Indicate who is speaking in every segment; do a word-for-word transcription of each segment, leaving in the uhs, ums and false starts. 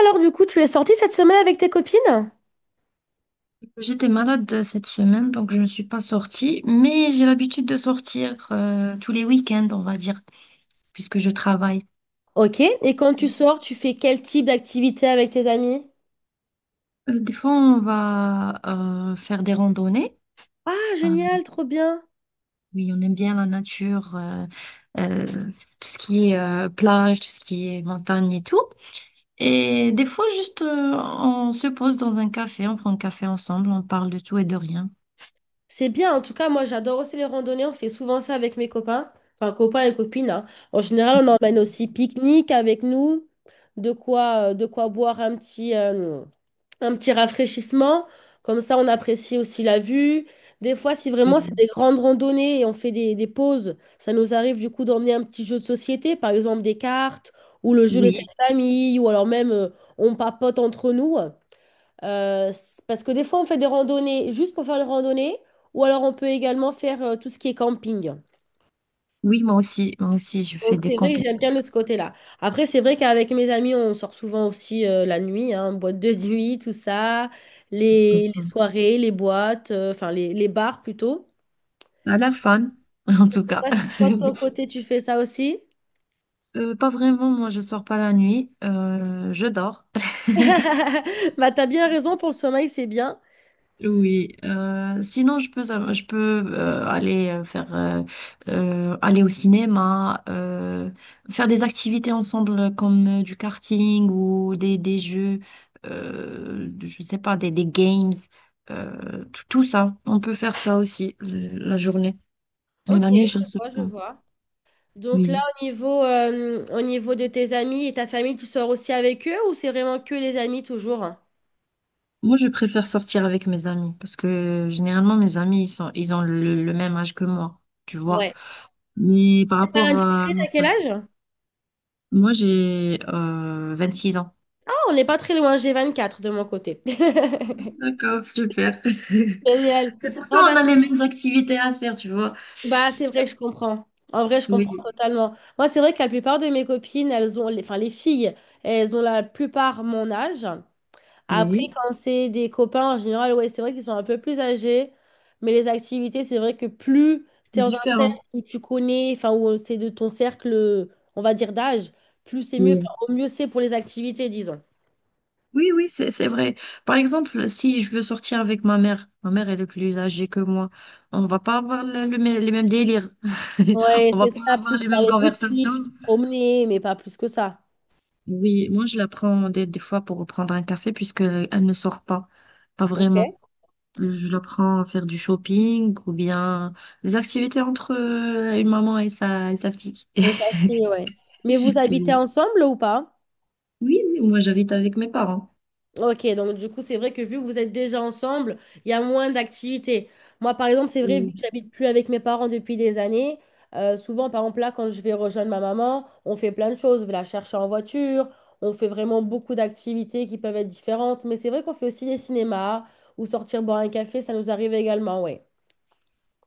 Speaker 1: Alors du coup, tu es sortie cette semaine avec tes copines?
Speaker 2: J'étais malade euh, cette semaine, donc je ne suis pas sortie, mais j'ai l'habitude de sortir euh, tous les week-ends, on va dire, puisque je travaille.
Speaker 1: Ok. Et quand tu sors, tu fais quel type d'activité avec tes amis?
Speaker 2: Euh, des fois, on va euh, faire des randonnées.
Speaker 1: Ah,
Speaker 2: Euh,
Speaker 1: génial, trop bien.
Speaker 2: oui, on aime bien la nature, euh, euh, tout ce qui est euh, plage, tout ce qui est montagne et tout. Et des fois, juste, euh, on se pose dans un café, on prend un café ensemble, on parle de tout et de rien.
Speaker 1: C'est bien, en tout cas, moi j'adore aussi les randonnées, on fait souvent ça avec mes copains, enfin copains et copines, hein. En général, on emmène aussi pique-nique avec nous, de quoi, euh, de quoi boire un petit, euh, un petit rafraîchissement. Comme ça, on apprécie aussi la vue. Des fois, si vraiment c'est
Speaker 2: Oui,
Speaker 1: des grandes randonnées et on fait des, des pauses, ça nous arrive du coup d'emmener un petit jeu de société, par exemple des cartes ou le jeu des sept
Speaker 2: oui,
Speaker 1: familles, ou alors même euh, on papote entre nous. Euh, c- parce que des fois, on fait des randonnées juste pour faire une randonnée, ou alors on peut également faire euh, tout ce qui est camping.
Speaker 2: oui, moi aussi, moi aussi, je fais
Speaker 1: Donc
Speaker 2: des
Speaker 1: c'est vrai que j'aime bien de ce côté-là. Après, c'est vrai qu'avec mes amis, on sort souvent aussi euh, la nuit, hein, boîte de nuit, tout ça, les, les
Speaker 2: compétitions.
Speaker 1: soirées, les boîtes, euh, enfin les, les bars plutôt.
Speaker 2: Ça a l'air fun, en
Speaker 1: Je
Speaker 2: tout
Speaker 1: sais
Speaker 2: cas.
Speaker 1: pas si toi de ton côté tu fais ça aussi.
Speaker 2: Euh, pas vraiment, moi je sors pas la nuit, euh, je dors.
Speaker 1: Bah t'as bien raison pour le sommeil, c'est bien.
Speaker 2: Oui, euh, sinon je peux, euh, je peux euh, aller euh, faire euh, euh, aller au cinéma, euh, faire des activités ensemble comme euh, du karting ou des, des jeux, euh, je sais pas, des, des games, euh, tout, tout ça. On peut faire ça aussi euh, la journée, mais
Speaker 1: Ok,
Speaker 2: la nuit je ne
Speaker 1: je
Speaker 2: sais
Speaker 1: vois, je
Speaker 2: pas.
Speaker 1: vois. Donc là,
Speaker 2: Oui.
Speaker 1: au niveau, euh, au niveau de tes amis et ta famille, tu sors aussi avec eux ou c'est vraiment que les amis toujours?
Speaker 2: Moi, je préfère sortir avec mes amis parce que généralement, mes amis, ils sont, ils ont le, le même âge que moi, tu vois.
Speaker 1: Ouais.
Speaker 2: Mais par
Speaker 1: T'as
Speaker 2: rapport à
Speaker 1: indiscret,
Speaker 2: ma
Speaker 1: à quel
Speaker 2: femme,
Speaker 1: âge?
Speaker 2: moi, j'ai euh, vingt-six ans.
Speaker 1: Ah, on n'est pas très loin, j'ai vingt-quatre de mon côté.
Speaker 2: D'accord, super.
Speaker 1: Génial.
Speaker 2: C'est pour ça
Speaker 1: Ah
Speaker 2: qu'on
Speaker 1: bah,
Speaker 2: a les mêmes activités à faire, tu vois.
Speaker 1: Bah, c'est vrai je comprends. En vrai, je comprends
Speaker 2: Oui,
Speaker 1: totalement. Moi, c'est vrai que la plupart de mes copines, elles ont, les- enfin, les filles, elles ont la plupart mon âge. Après,
Speaker 2: oui,
Speaker 1: quand c'est des copains, en général, ouais, c'est vrai qu'ils sont un peu plus âgés. Mais les activités, c'est vrai que plus tu
Speaker 2: c'est
Speaker 1: es dans un
Speaker 2: différent.
Speaker 1: cercle où tu connais, enfin, où c'est de ton cercle, on va dire, d'âge, plus c'est mieux, enfin,
Speaker 2: Oui.
Speaker 1: au mieux c'est pour les activités, disons.
Speaker 2: Oui, oui, c'est, c'est vrai. Par exemple, si je veux sortir avec ma mère, ma mère, elle est plus âgée que moi, on va pas avoir le- le mê- les mêmes délires.
Speaker 1: Ouais,
Speaker 2: On va
Speaker 1: c'est
Speaker 2: pas
Speaker 1: ça,
Speaker 2: avoir les
Speaker 1: plus faire
Speaker 2: mêmes
Speaker 1: les boutiques,
Speaker 2: conversations.
Speaker 1: promener, mais pas plus que ça.
Speaker 2: Oui, moi je la prends des, des fois pour prendre un café puisque elle ne sort pas, pas
Speaker 1: Ok.
Speaker 2: vraiment. Je la prends à faire du shopping ou bien des activités entre euh, une maman et sa, et sa fille.
Speaker 1: Et ça, c'est, ouais. Mais vous habitez
Speaker 2: Oui,
Speaker 1: ensemble ou pas?
Speaker 2: oui, oui, moi j'habite avec mes parents.
Speaker 1: Ok, donc du coup, c'est vrai que vu que vous êtes déjà ensemble, il y a moins d'activités. Moi, par exemple, c'est vrai, vu
Speaker 2: Oui.
Speaker 1: que j'habite plus avec mes parents depuis des années, euh, souvent, par exemple, là, quand je vais rejoindre ma maman, on fait plein de choses. Je vais la chercher en voiture, on fait vraiment beaucoup d'activités qui peuvent être différentes. Mais c'est vrai qu'on fait aussi des cinémas ou sortir boire un café, ça nous arrive également, ouais.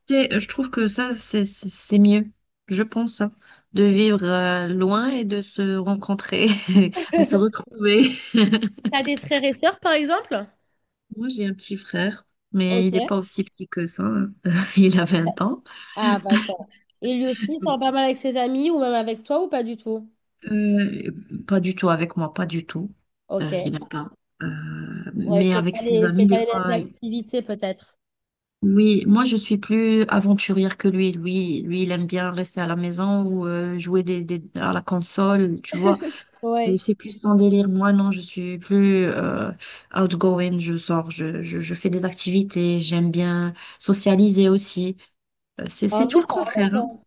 Speaker 2: Tu sais, je trouve que ça c'est c'est c'est mieux, je pense, hein, de vivre euh, loin et de se rencontrer, de se retrouver.
Speaker 1: T'as des frères et sœurs, par exemple?
Speaker 2: Moi j'ai un petit frère, mais
Speaker 1: Ok,
Speaker 2: il n'est pas aussi petit que ça, hein. Il a vingt ans.
Speaker 1: à vingt ans. Et lui aussi, il sort pas mal avec ses amis ou même avec toi ou pas du tout?
Speaker 2: Euh, Pas du tout avec moi, pas du tout.
Speaker 1: Ok.
Speaker 2: Euh, il n'a pas. Euh,
Speaker 1: Ouais,
Speaker 2: mais
Speaker 1: c'est
Speaker 2: avec
Speaker 1: pas
Speaker 2: ses
Speaker 1: les, c'est
Speaker 2: amis, des
Speaker 1: pas les
Speaker 2: fois,
Speaker 1: mêmes
Speaker 2: il-
Speaker 1: activités peut-être.
Speaker 2: oui, moi je suis plus aventurière que lui. Lui, lui, il aime bien rester à la maison ou euh, jouer des, des- à la console, tu vois. C'est,
Speaker 1: Ouais.
Speaker 2: c'est plus son délire. Moi, non, je suis plus euh, outgoing. Je sors, je, je, je fais des activités. J'aime bien socialiser aussi. Euh, C'est,
Speaker 1: En
Speaker 2: c'est tout
Speaker 1: vrai,
Speaker 2: le
Speaker 1: c'est
Speaker 2: contraire, hein.
Speaker 1: important.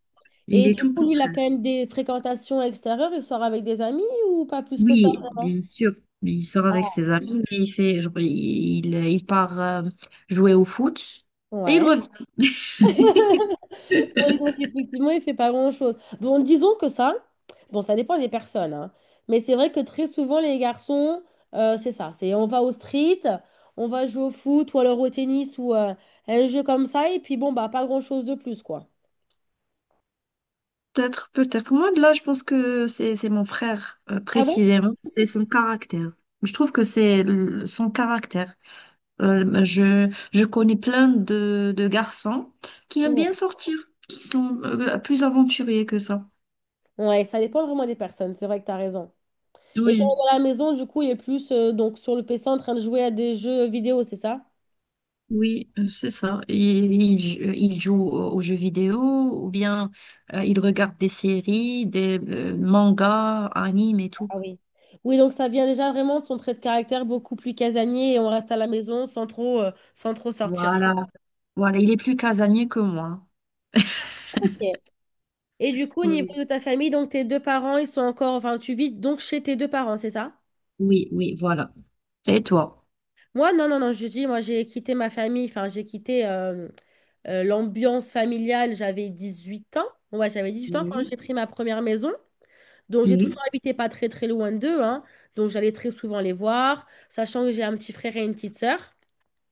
Speaker 2: Il
Speaker 1: Et
Speaker 2: est
Speaker 1: du
Speaker 2: tout le
Speaker 1: coup, lui, il a
Speaker 2: contraire.
Speaker 1: quand même des fréquentations extérieures. Il sort avec des amis ou pas plus que ça,
Speaker 2: Oui,
Speaker 1: vraiment?
Speaker 2: bien sûr. Il sort avec
Speaker 1: Ah,
Speaker 2: ses amis, mais il fait, genre, il, il part euh, jouer au foot et il
Speaker 1: ouais.
Speaker 2: revient.
Speaker 1: Oui, donc effectivement, il fait pas grand-chose. Bon, disons que ça, bon, ça dépend des personnes, hein. Mais c'est vrai que très souvent, les garçons, euh, c'est ça, c'est on va au street, on va jouer au foot ou alors au tennis ou euh, un jeu comme ça, et puis bon, bah, pas grand-chose de plus, quoi.
Speaker 2: Peut-être, peut-être. Moi, de là, je pense que c'est c'est mon frère, euh,
Speaker 1: Ah
Speaker 2: précisément. C'est son caractère. Je trouve que c'est le- son caractère. Euh, je, je connais plein de, de garçons qui aiment bien
Speaker 1: ouais?
Speaker 2: sortir, qui sont euh, plus aventuriers que ça.
Speaker 1: Ouais, ça dépend vraiment des personnes, c'est vrai que tu as raison. Et quand
Speaker 2: Oui.
Speaker 1: on est à la maison, du coup, il est plus euh, donc sur le P C en train de jouer à des jeux vidéo, c'est ça?
Speaker 2: Oui, euh, c'est ça. Ils, ils jou- ils jouent aux aux jeux vidéo ou bien euh, ils regardent des séries, des euh, mangas, animes et tout.
Speaker 1: Ah oui. Oui, donc ça vient déjà vraiment de son trait de caractère beaucoup plus casanier et on reste à la maison sans trop, euh, sans trop sortir.
Speaker 2: Voilà. Voilà, il est plus casanier que moi.
Speaker 1: Ok. Et du coup, au niveau
Speaker 2: Oui.
Speaker 1: de ta famille, donc tes deux parents, ils sont encore, enfin, tu vis donc chez tes deux parents, c'est ça?
Speaker 2: Oui, oui, voilà. Et toi?
Speaker 1: Moi, non, non, non, je dis, moi, j'ai quitté ma famille, enfin, j'ai quitté euh, euh, l'ambiance familiale, j'avais dix huit ans. Ouais, j'avais dix huit ans quand
Speaker 2: Oui,
Speaker 1: j'ai pris ma première maison. Donc, j'ai toujours
Speaker 2: oui.
Speaker 1: habité pas très très loin d'eux, hein. Donc, j'allais très souvent les voir, sachant que j'ai un petit frère et une petite sœur.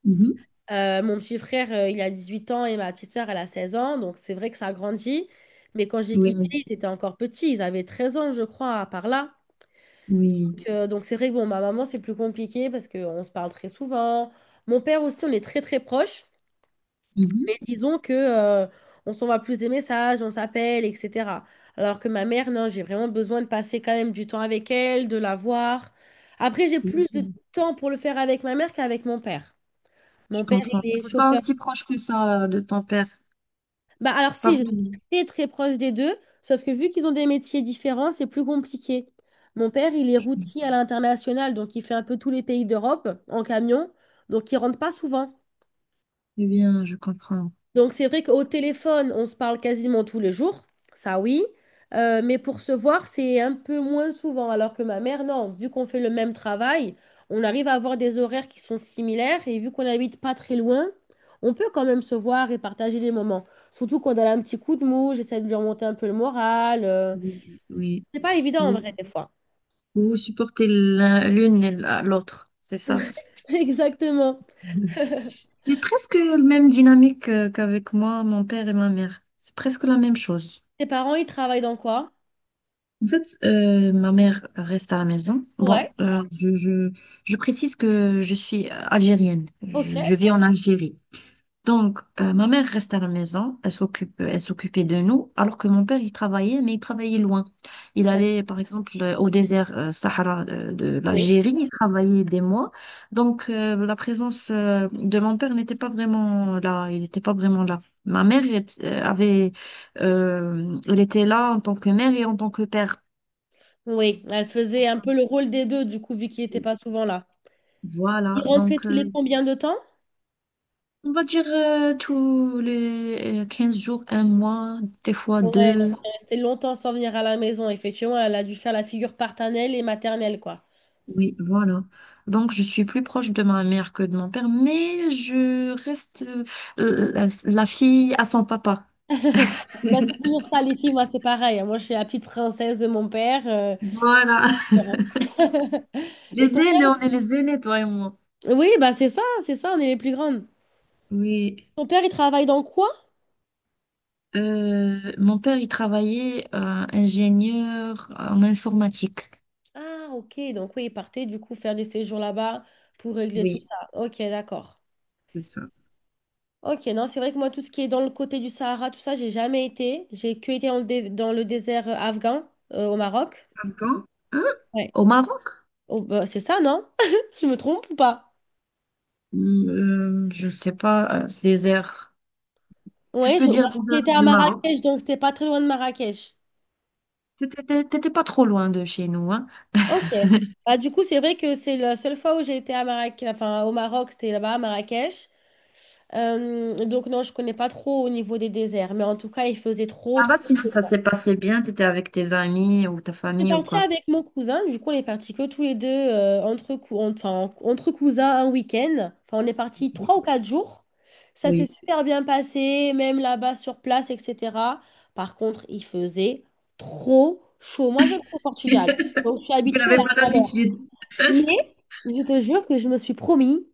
Speaker 2: Mhm.
Speaker 1: Euh, mon petit frère, euh, il a dix-huit ans et ma petite sœur, elle a seize ans. Donc, c'est vrai que ça a grandi. Mais quand j'ai quitté,
Speaker 2: Oui,
Speaker 1: ils étaient encore petits. Ils avaient treize ans, je crois, par là.
Speaker 2: oui.
Speaker 1: Donc, euh, donc, c'est vrai que bon, ma maman, c'est plus compliqué parce qu'on se parle très souvent. Mon père aussi, on est très très proches. Mais
Speaker 2: Mhm.
Speaker 1: disons que euh, on s'envoie plus des messages, on s'appelle, et cetera. Alors que ma mère, non, j'ai vraiment besoin de passer quand même du temps avec elle, de la voir. Après, j'ai plus de
Speaker 2: Merci.
Speaker 1: temps pour le faire avec ma mère qu'avec mon père.
Speaker 2: Je
Speaker 1: Mon père,
Speaker 2: comprends.
Speaker 1: il est
Speaker 2: T'es pas
Speaker 1: chauffeur.
Speaker 2: aussi proche que ça euh, de ton père.
Speaker 1: Bah alors
Speaker 2: Pas
Speaker 1: si, je suis
Speaker 2: vraiment.
Speaker 1: très très proche des deux, sauf que vu qu'ils ont des métiers différents, c'est plus compliqué. Mon père, il est
Speaker 2: Je-
Speaker 1: routier à l'international, donc il fait un peu tous les pays d'Europe en camion, donc il rentre pas souvent.
Speaker 2: Eh bien, je comprends.
Speaker 1: Donc c'est vrai qu'au téléphone, on se parle quasiment tous les jours, ça oui. Euh, mais pour se voir, c'est un peu moins souvent, alors que ma mère, non, vu qu'on fait le même travail, on arrive à avoir des horaires qui sont similaires, et vu qu'on n'habite pas très loin, on peut quand même se voir et partager des moments. Surtout quand elle a un petit coup de mou, j'essaie de lui remonter un peu le moral. euh.
Speaker 2: Oui.
Speaker 1: C'est pas évident en
Speaker 2: Oui.
Speaker 1: vrai des fois.
Speaker 2: Vous vous supportez l'un- l'une et la- l'autre, c'est ça.
Speaker 1: Exactement.
Speaker 2: C'est presque la même dynamique euh, qu'avec moi, mon père et ma mère. C'est presque la même chose.
Speaker 1: Tes parents, ils travaillent dans quoi?
Speaker 2: En fait, euh, ma mère reste à la maison. Bon,
Speaker 1: Ouais.
Speaker 2: euh, je, je, je précise que je suis algérienne.
Speaker 1: Ok.
Speaker 2: Je, je vis en Algérie. Donc, euh, ma mère reste à la maison, elle s'occupe, elle s'occupait de nous, alors que mon père, il travaillait, mais il travaillait loin. Il allait,
Speaker 1: D'accord.
Speaker 2: par exemple, euh, au désert euh, Sahara euh, de
Speaker 1: Oui.
Speaker 2: l'Algérie, il travaillait des mois. Donc, euh, la présence euh, de mon père n'était pas vraiment là, il n'était pas vraiment là. Ma mère elle était- euh, avait, euh, elle était là en tant que mère et en tant que père.
Speaker 1: Oui, elle faisait un peu le rôle des deux, du coup, vu qu'il n'était pas souvent là.
Speaker 2: Voilà,
Speaker 1: Il rentrait
Speaker 2: donc
Speaker 1: tous les
Speaker 2: euh,
Speaker 1: combien de temps?
Speaker 2: on va dire euh, tous les euh, quinze jours, un mois, des fois
Speaker 1: Ouais, donc
Speaker 2: deux.
Speaker 1: elle restait longtemps sans venir à la maison. Effectivement, elle a dû faire la figure paternelle et maternelle, quoi.
Speaker 2: Oui, voilà. Donc, je suis plus proche de ma mère que de mon père, mais je reste euh, la, la fille à son papa.
Speaker 1: Bah, c'est toujours ça, les filles, moi, c'est pareil. Moi, je suis la petite princesse de mon père. euh,
Speaker 2: Voilà.
Speaker 1: voilà. Et
Speaker 2: Les
Speaker 1: ton
Speaker 2: aînés,
Speaker 1: père?
Speaker 2: on est les aînés, toi et moi.
Speaker 1: Oui, bah, c'est ça, c'est ça, on est les plus grandes.
Speaker 2: Oui.
Speaker 1: Ton père, il travaille dans quoi?
Speaker 2: Euh, mon père, il travaillait euh, ingénieur en informatique.
Speaker 1: Ah, ok, donc oui, il partait du coup faire des séjours là-bas pour régler tout
Speaker 2: Oui,
Speaker 1: ça. Ok, d'accord.
Speaker 2: c'est ça.
Speaker 1: Ok, non, c'est vrai que moi, tout ce qui est dans le côté du Sahara, tout ça, j'ai jamais été. J'ai que été dans le, dé- dans le désert euh, afghan, euh, au Maroc.
Speaker 2: Afghan? Hein?
Speaker 1: Ouais.
Speaker 2: Au Maroc?
Speaker 1: Oh, bah, c'est ça, non? Je me trompe ou pas?
Speaker 2: Hmm, euh, je ne sais pas, euh, les airs. Tu
Speaker 1: Oui,
Speaker 2: peux dire
Speaker 1: parce que
Speaker 2: les airs
Speaker 1: j'étais à
Speaker 2: du Maroc.
Speaker 1: Marrakech, donc c'était pas très loin de Marrakech.
Speaker 2: T'étais t'étais- t'étais pas trop loin de chez nous, hein?
Speaker 1: Ok. Bah, du coup, c'est vrai que c'est la seule fois où j'ai été à Marrakech, enfin au Maroc, c'était là-bas à Marrakech. Euh, donc non, je connais pas trop au niveau des déserts, mais en tout cas, il faisait trop,
Speaker 2: Ça va
Speaker 1: trop
Speaker 2: si ça s'est passé bien, tu étais avec tes amis ou ta
Speaker 1: suis
Speaker 2: famille ou
Speaker 1: partie
Speaker 2: quoi?
Speaker 1: avec mon cousin, du coup on est partis que tous les deux euh, entre, cou- enfin, entre cousins un week-end. Enfin, on est partis
Speaker 2: Oui.
Speaker 1: trois ou quatre jours. Ça s'est
Speaker 2: Oui.
Speaker 1: super bien passé, même là-bas sur place, et cetera. Par contre, il faisait trop chaud. Moi, j'aime trop le Portugal, donc je suis
Speaker 2: Vous
Speaker 1: habituée à
Speaker 2: n'avez
Speaker 1: la
Speaker 2: pas
Speaker 1: chaleur.
Speaker 2: l'habitude.
Speaker 1: Mais je te jure que je me suis promis,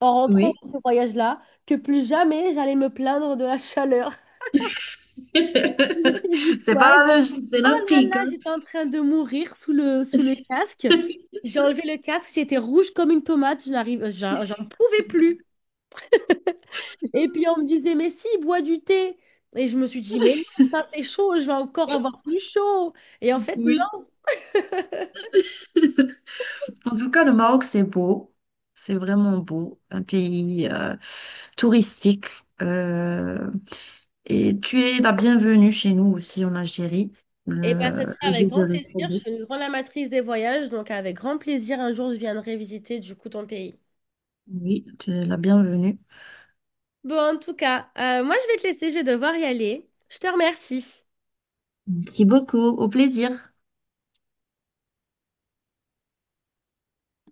Speaker 1: en rentrant
Speaker 2: Oui.
Speaker 1: de ce voyage-là, que plus jamais j'allais me plaindre de la chaleur. J'ai fait du
Speaker 2: C'est pas
Speaker 1: quad.
Speaker 2: la même chose, c'est
Speaker 1: Oh là là,
Speaker 2: l'Afrique, hein.
Speaker 1: j'étais en train de mourir sous le, sous le casque. J'ai enlevé le casque, j'étais rouge comme une tomate, je n'arrive, j'en j'en pouvais plus. Et puis on me disait, mais si, bois du thé. Et je me suis dit, mais non, ça c'est chaud, je vais encore avoir plus chaud. Et en fait,
Speaker 2: Oui.
Speaker 1: non.
Speaker 2: En tout cas, le Maroc, c'est beau. C'est vraiment beau. Un pays euh, touristique. euh, et tu es la bienvenue chez nous aussi en Algérie.
Speaker 1: Et bien, ça
Speaker 2: Le,
Speaker 1: serait
Speaker 2: le
Speaker 1: avec grand
Speaker 2: désert est
Speaker 1: plaisir.
Speaker 2: trop
Speaker 1: Je
Speaker 2: beau.
Speaker 1: suis une grande amatrice des voyages, donc avec grand plaisir, un jour, je viendrai visiter du coup ton pays.
Speaker 2: Oui, tu es la bienvenue.
Speaker 1: Bon, en tout cas, euh, moi, je vais te laisser, je vais devoir y aller. Je te remercie.
Speaker 2: Merci beaucoup. Au plaisir.